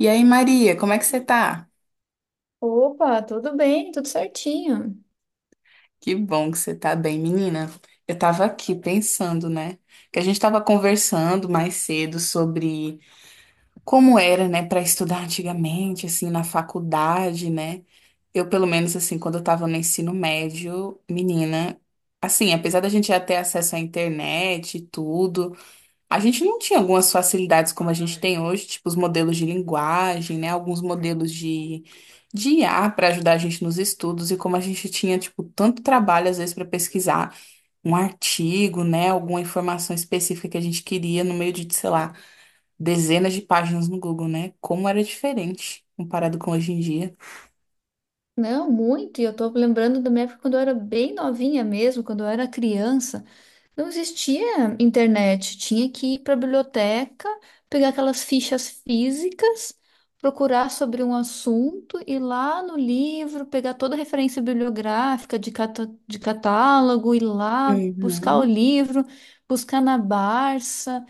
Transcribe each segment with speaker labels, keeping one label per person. Speaker 1: E aí, Maria, como é que você tá?
Speaker 2: Opa, tudo bem, tudo certinho.
Speaker 1: Que bom que você tá bem, menina. Eu tava aqui pensando, né? Que a gente tava conversando mais cedo sobre como era, né, para estudar antigamente, assim, na faculdade, né? Eu, pelo menos, assim, quando eu tava no ensino médio, menina, assim, apesar da gente já ter acesso à internet e tudo. A gente não tinha algumas facilidades como a gente tem hoje, tipo os modelos de linguagem, né? Alguns modelos de IA para ajudar a gente nos estudos e como a gente tinha, tipo, tanto trabalho às vezes para pesquisar um artigo, né? Alguma informação específica que a gente queria no meio de, sei lá, dezenas de páginas no Google, né? Como era diferente comparado com hoje em dia.
Speaker 2: Não, muito. E eu tô lembrando da minha época quando eu era bem novinha mesmo, quando eu era criança. Não existia internet, tinha que ir para a biblioteca, pegar aquelas fichas físicas, procurar sobre um assunto, ir lá no livro, pegar toda a referência bibliográfica de, de catálogo, ir lá buscar o
Speaker 1: Uhum.
Speaker 2: livro, buscar na Barça.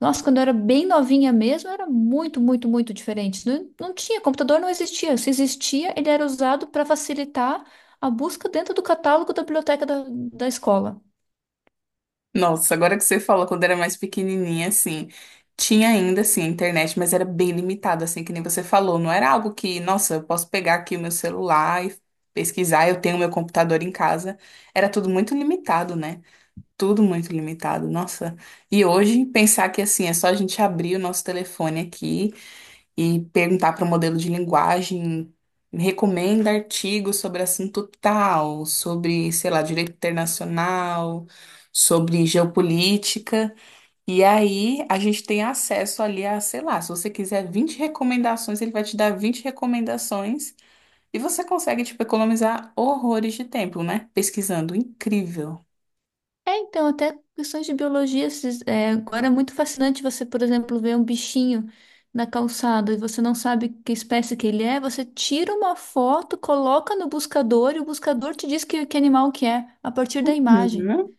Speaker 2: Nossa, quando eu era bem novinha mesmo, era muito, muito, muito diferente. Não, não tinha, computador não existia. Se existia, ele era usado para facilitar a busca dentro do catálogo da biblioteca da escola.
Speaker 1: Nossa, agora que você fala, quando era mais pequenininha, assim, tinha ainda, assim, a internet, mas era bem limitada, assim, que nem você falou. Não era algo que, nossa, eu posso pegar aqui o meu celular e pesquisar, eu tenho meu computador em casa. Era tudo muito limitado, né? Tudo muito limitado, nossa. E hoje, pensar que, assim, é só a gente abrir o nosso telefone aqui e perguntar para o modelo de linguagem, recomenda artigos sobre assunto tal, sobre, sei lá, direito internacional, sobre geopolítica. E aí a gente tem acesso ali a, sei lá, se você quiser 20 recomendações, ele vai te dar 20 recomendações e você consegue, tipo, economizar horrores de tempo, né? Pesquisando. Incrível.
Speaker 2: É, então, até questões de biologia, agora é muito fascinante você, por exemplo, ver um bichinho na calçada e você não sabe que espécie que ele é, você tira uma foto, coloca no buscador e o buscador te diz que animal que é, a partir da imagem.
Speaker 1: Uhum.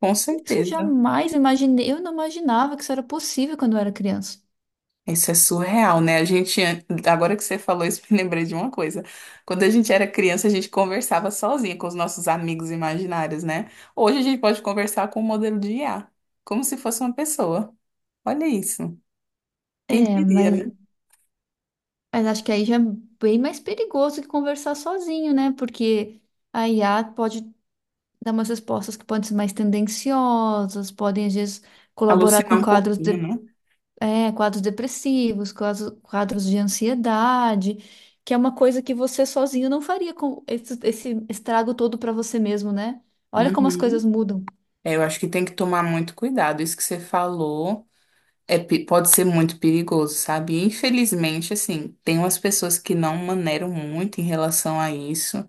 Speaker 1: Com
Speaker 2: Isso eu
Speaker 1: certeza.
Speaker 2: jamais imaginei, eu não imaginava que isso era possível quando eu era criança.
Speaker 1: Isso é surreal, né? A gente, agora que você falou isso, me lembrei de uma coisa. Quando a gente era criança, a gente conversava sozinha com os nossos amigos imaginários, né? Hoje a gente pode conversar com o modelo de IA, como se fosse uma pessoa. Olha isso. Quem
Speaker 2: É,
Speaker 1: diria, né?
Speaker 2: mas acho que aí já é bem mais perigoso que conversar sozinho, né? Porque a IA pode dar umas respostas que podem ser mais tendenciosas, podem, às vezes, colaborar
Speaker 1: Alucinar
Speaker 2: com
Speaker 1: um
Speaker 2: quadros,
Speaker 1: pouquinho, né?
Speaker 2: é, quadros depressivos, quadros de ansiedade, que é uma coisa que você sozinho não faria com esse estrago todo para você mesmo, né? Olha como as coisas
Speaker 1: Uhum.
Speaker 2: mudam.
Speaker 1: É, eu acho que tem que tomar muito cuidado. Isso que você falou é, pode ser muito perigoso, sabe? Infelizmente, assim, tem umas pessoas que não maneiram muito em relação a isso.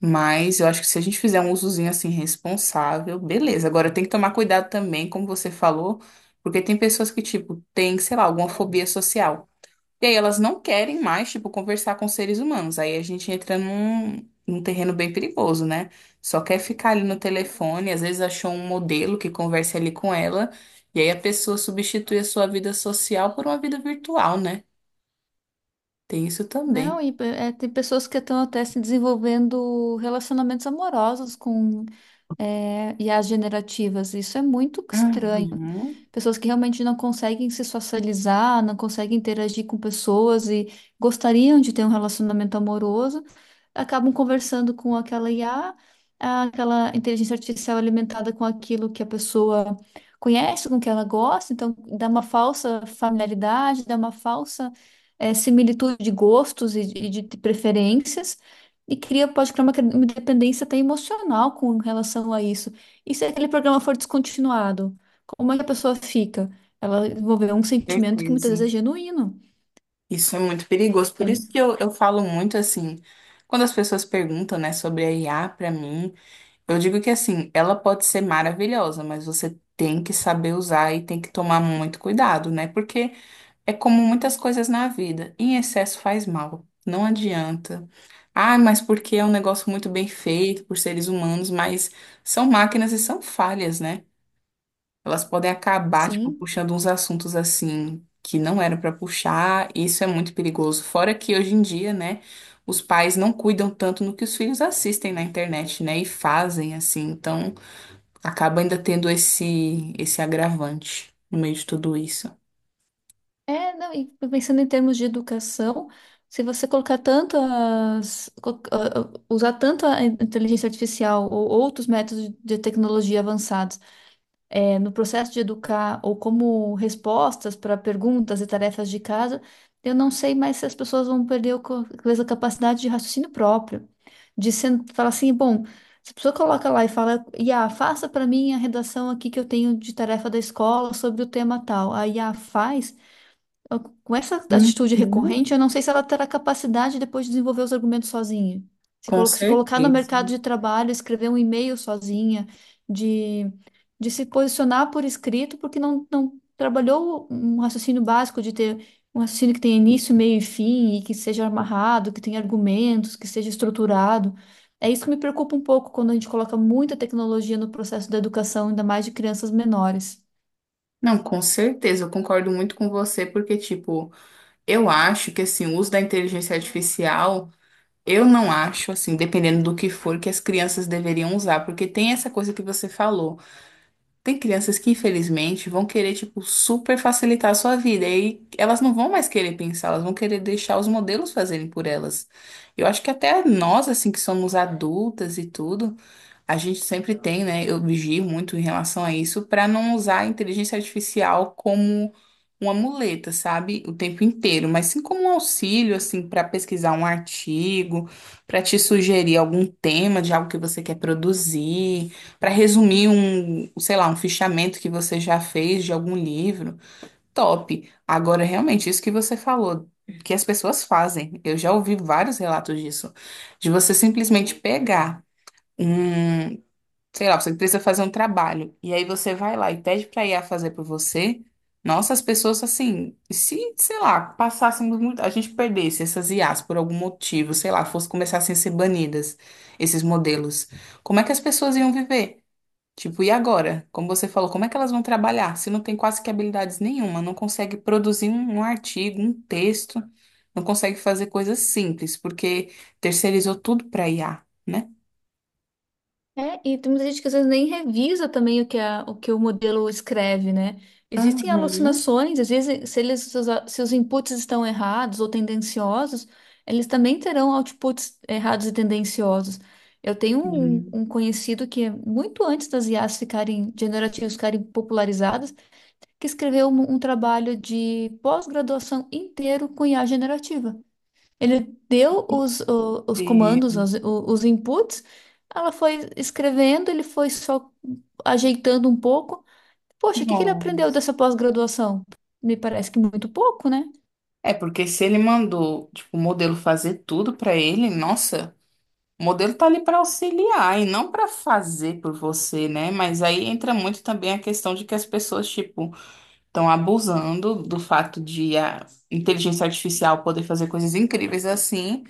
Speaker 1: Mas eu acho que se a gente fizer um usozinho assim responsável, beleza. Agora tem que tomar cuidado também, como você falou, porque tem pessoas que, tipo, têm, sei lá, alguma fobia social. E aí elas não querem mais, tipo, conversar com seres humanos. Aí a gente entra num terreno bem perigoso, né? Só quer ficar ali no telefone, às vezes achou um modelo que converse ali com ela, e aí a pessoa substitui a sua vida social por uma vida virtual, né? Tem isso também.
Speaker 2: Não, e é, tem pessoas que estão até se desenvolvendo relacionamentos amorosos com I as generativas. Isso é muito estranho.
Speaker 1: Uhum,
Speaker 2: Pessoas que realmente não conseguem se socializar, não conseguem interagir com pessoas e gostariam de ter um relacionamento amoroso, acabam conversando com aquela IA, ah, aquela inteligência artificial alimentada com aquilo que a pessoa conhece, com o que ela gosta, então dá uma falsa familiaridade, dá uma falsa similitude de gostos e de preferências e cria, pode criar uma, uma dependência até emocional com relação a isso. E se aquele programa for descontinuado? Como é que a pessoa fica? Ela desenvolveu um sentimento que muitas
Speaker 1: certeza.
Speaker 2: vezes é genuíno.
Speaker 1: Isso é muito perigoso.
Speaker 2: É,
Speaker 1: Por isso que eu falo muito assim, quando as pessoas perguntam, né, sobre a IA pra mim, eu digo que assim, ela pode ser maravilhosa, mas você tem que saber usar e tem que tomar muito cuidado, né? Porque é como muitas coisas na vida, em excesso faz mal, não adianta. Ah, mas porque é um negócio muito bem feito por seres humanos, mas são máquinas e são falhas, né? Elas podem acabar, tipo,
Speaker 2: sim.
Speaker 1: puxando uns assuntos assim que não eram pra puxar, e isso é muito perigoso. Fora que hoje em dia, né, os pais não cuidam tanto no que os filhos assistem na internet, né, e fazem assim. Então, acaba ainda tendo esse agravante no meio de tudo isso.
Speaker 2: É, não, e pensando em termos de educação, se você colocar tanto as, usar tanto a inteligência artificial ou outros métodos de tecnologia avançados no processo de educar ou como respostas para perguntas e tarefas de casa, eu não sei mais se as pessoas vão perder o talvez a capacidade de raciocínio próprio, de falar assim, bom, se a pessoa coloca lá e fala, Iá, faça para mim a redação aqui que eu tenho de tarefa da escola sobre o tema tal. A Iá faz, Com essa atitude
Speaker 1: Uhum.
Speaker 2: recorrente, eu não sei se ela terá capacidade depois de desenvolver os argumentos sozinha.
Speaker 1: Com
Speaker 2: Se colocar no
Speaker 1: certeza.
Speaker 2: mercado de trabalho, escrever um e-mail sozinha, de, de se posicionar por escrito, porque não, não trabalhou um raciocínio básico de ter um raciocínio que tenha início, meio e fim, e que seja amarrado, que tenha argumentos, que seja estruturado. É isso que me preocupa um pouco quando a gente coloca muita tecnologia no processo da educação, ainda mais de crianças menores.
Speaker 1: Não, com certeza, eu concordo muito com você, porque, tipo, eu acho que, assim, o uso da inteligência artificial. Eu não acho, assim, dependendo do que for, que as crianças deveriam usar, porque tem essa coisa que você falou. Tem crianças que, infelizmente, vão querer, tipo, super facilitar a sua vida, e aí elas não vão mais querer pensar, elas vão querer deixar os modelos fazerem por elas. Eu acho que até nós, assim, que somos adultas e tudo. A gente sempre tem, né? Eu vigio muito em relação a isso para não usar a inteligência artificial como uma muleta, sabe? O tempo inteiro, mas sim como um auxílio, assim, para pesquisar um artigo, para te sugerir algum tema de algo que você quer produzir, para resumir um, sei lá, um fichamento que você já fez de algum livro. Top. Agora, realmente, isso que você falou, que as pessoas fazem. Eu já ouvi vários relatos disso, de você simplesmente pegar um, sei lá, você precisa fazer um trabalho, e aí você vai lá e pede para IA fazer por você, nossa, as pessoas assim, se, sei lá, passássemos muito, a gente perdesse essas IAs por algum motivo, sei lá, fosse começassem a ser banidas, esses modelos, como é que as pessoas iam viver? Tipo, e agora? Como você falou, como é que elas vão trabalhar se não tem quase que habilidades nenhuma, não consegue produzir um artigo, um texto, não consegue fazer coisas simples, porque terceirizou tudo para IA, né?
Speaker 2: É, e tem muita gente que às vezes nem revisa também o que, o que o modelo escreve, né? Existem
Speaker 1: Uhum.
Speaker 2: alucinações, às vezes, se eles, se os inputs estão errados ou tendenciosos, eles também terão outputs errados e tendenciosos. Eu tenho um,
Speaker 1: Sim.
Speaker 2: um conhecido que, é muito antes das IAs ficarem generativas, ficarem popularizadas, que escreveu um, um trabalho de pós-graduação inteiro com IA generativa. Ele deu os comandos,
Speaker 1: Sim.
Speaker 2: os inputs, ela foi escrevendo, ele foi só ajeitando um pouco. Poxa, o que que ele
Speaker 1: Não.
Speaker 2: aprendeu dessa pós-graduação? Me parece que muito pouco, né?
Speaker 1: É porque se ele mandou, tipo, o modelo fazer tudo pra ele, nossa, o modelo tá ali pra auxiliar e não pra fazer por você, né? Mas aí entra muito também a questão de que as pessoas, tipo, estão abusando do fato de a inteligência artificial poder fazer coisas incríveis assim.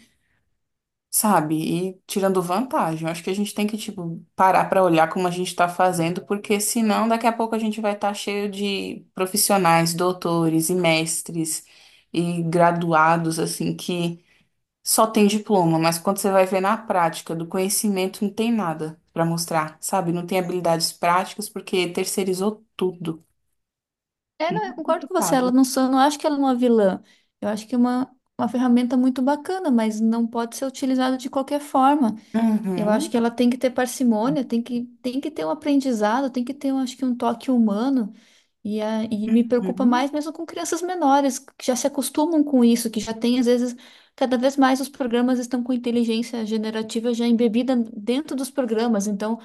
Speaker 1: Sabe? E tirando vantagem. Eu acho que a gente tem que, tipo, parar pra olhar como a gente tá fazendo, porque senão daqui a pouco a gente vai estar cheio de profissionais, doutores e mestres e graduados, assim, que só tem diploma, mas quando você vai ver na prática do conhecimento não tem nada pra mostrar, sabe? Não tem habilidades práticas porque terceirizou tudo.
Speaker 2: É, não, eu
Speaker 1: Muito
Speaker 2: concordo com você, ela
Speaker 1: complicado.
Speaker 2: não, só, não acho que ela é uma vilã. Eu acho que é uma ferramenta muito bacana, mas não pode ser utilizada de qualquer forma. Eu acho
Speaker 1: Uhum,
Speaker 2: que ela tem que ter parcimônia, tem que ter um aprendizado, tem que ter, eu acho que, um toque humano. E, e me preocupa
Speaker 1: uhum.
Speaker 2: mais mesmo com crianças menores, que já se acostumam com isso, que já tem, às vezes, cada vez mais os programas estão com inteligência generativa já embebida dentro dos programas. Então,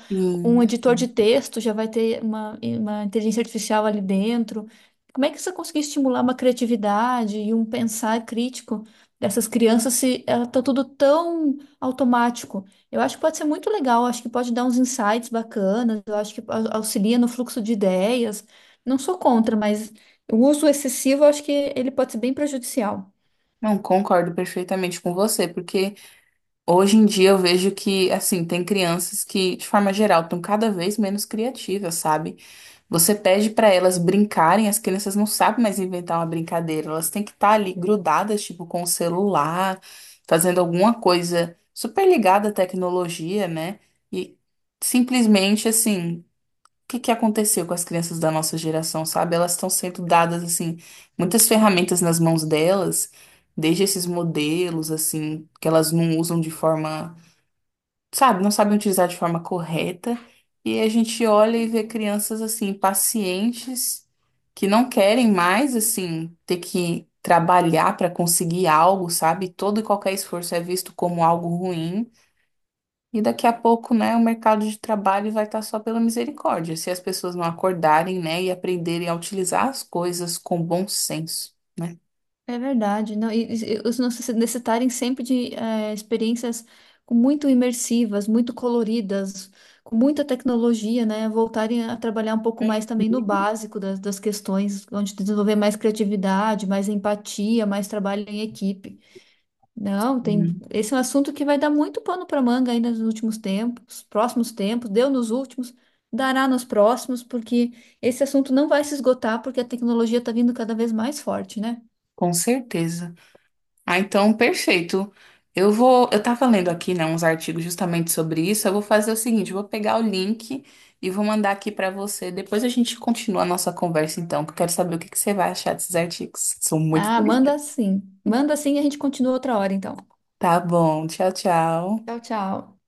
Speaker 2: um editor
Speaker 1: Isso.
Speaker 2: de texto já vai ter uma inteligência artificial ali dentro. Como é que você conseguir estimular uma criatividade e um pensar crítico dessas crianças se está tudo tão automático? Eu acho que pode ser muito legal, acho que pode dar uns insights bacanas, eu acho que auxilia no fluxo de ideias. Não sou contra, mas o uso excessivo, eu acho que ele pode ser bem prejudicial.
Speaker 1: Não, concordo perfeitamente com você, porque hoje em dia eu vejo que, assim, tem crianças que, de forma geral, estão cada vez menos criativas, sabe? Você pede para elas brincarem, as crianças não sabem mais inventar uma brincadeira, elas têm que estar ali grudadas, tipo, com o celular, fazendo alguma coisa super ligada à tecnologia, né? E simplesmente, assim, o que que aconteceu com as crianças da nossa geração, sabe? Elas estão sendo dadas, assim, muitas ferramentas nas mãos delas, desde esses modelos, assim, que elas não usam de forma sabe, não sabem utilizar de forma correta. E a gente olha e vê crianças assim, pacientes, que não querem mais assim ter que trabalhar para conseguir algo, sabe? Todo e qualquer esforço é visto como algo ruim. E daqui a pouco, né, o mercado de trabalho vai estar só pela misericórdia, se as pessoas não acordarem, né, e aprenderem a utilizar as coisas com bom senso, né?
Speaker 2: É verdade, não, e os nossos necessitarem sempre de experiências com muito imersivas, muito coloridas, com muita tecnologia, né? Voltarem a trabalhar um pouco mais também no básico das, das questões, onde desenvolver mais criatividade, mais empatia, mais trabalho em equipe. Não, tem.
Speaker 1: Hum.
Speaker 2: Esse é um assunto que vai dar muito pano para manga ainda nos últimos tempos, próximos tempos, deu nos últimos, dará nos próximos, porque esse assunto não vai se esgotar, porque a tecnologia está vindo cada vez mais forte, né?
Speaker 1: Com certeza. Ah, então, perfeito. Eu vou, eu tava lendo aqui, né, uns artigos justamente sobre isso. Eu vou fazer o seguinte, eu vou pegar o link e vou mandar aqui pra você. Depois a gente continua a nossa conversa, então, que eu quero saber o que que você vai achar desses artigos. São muito
Speaker 2: Ah, manda
Speaker 1: interessantes.
Speaker 2: sim. Manda sim e a gente continua outra hora, então.
Speaker 1: Tá bom, tchau, tchau.
Speaker 2: Tchau, tchau.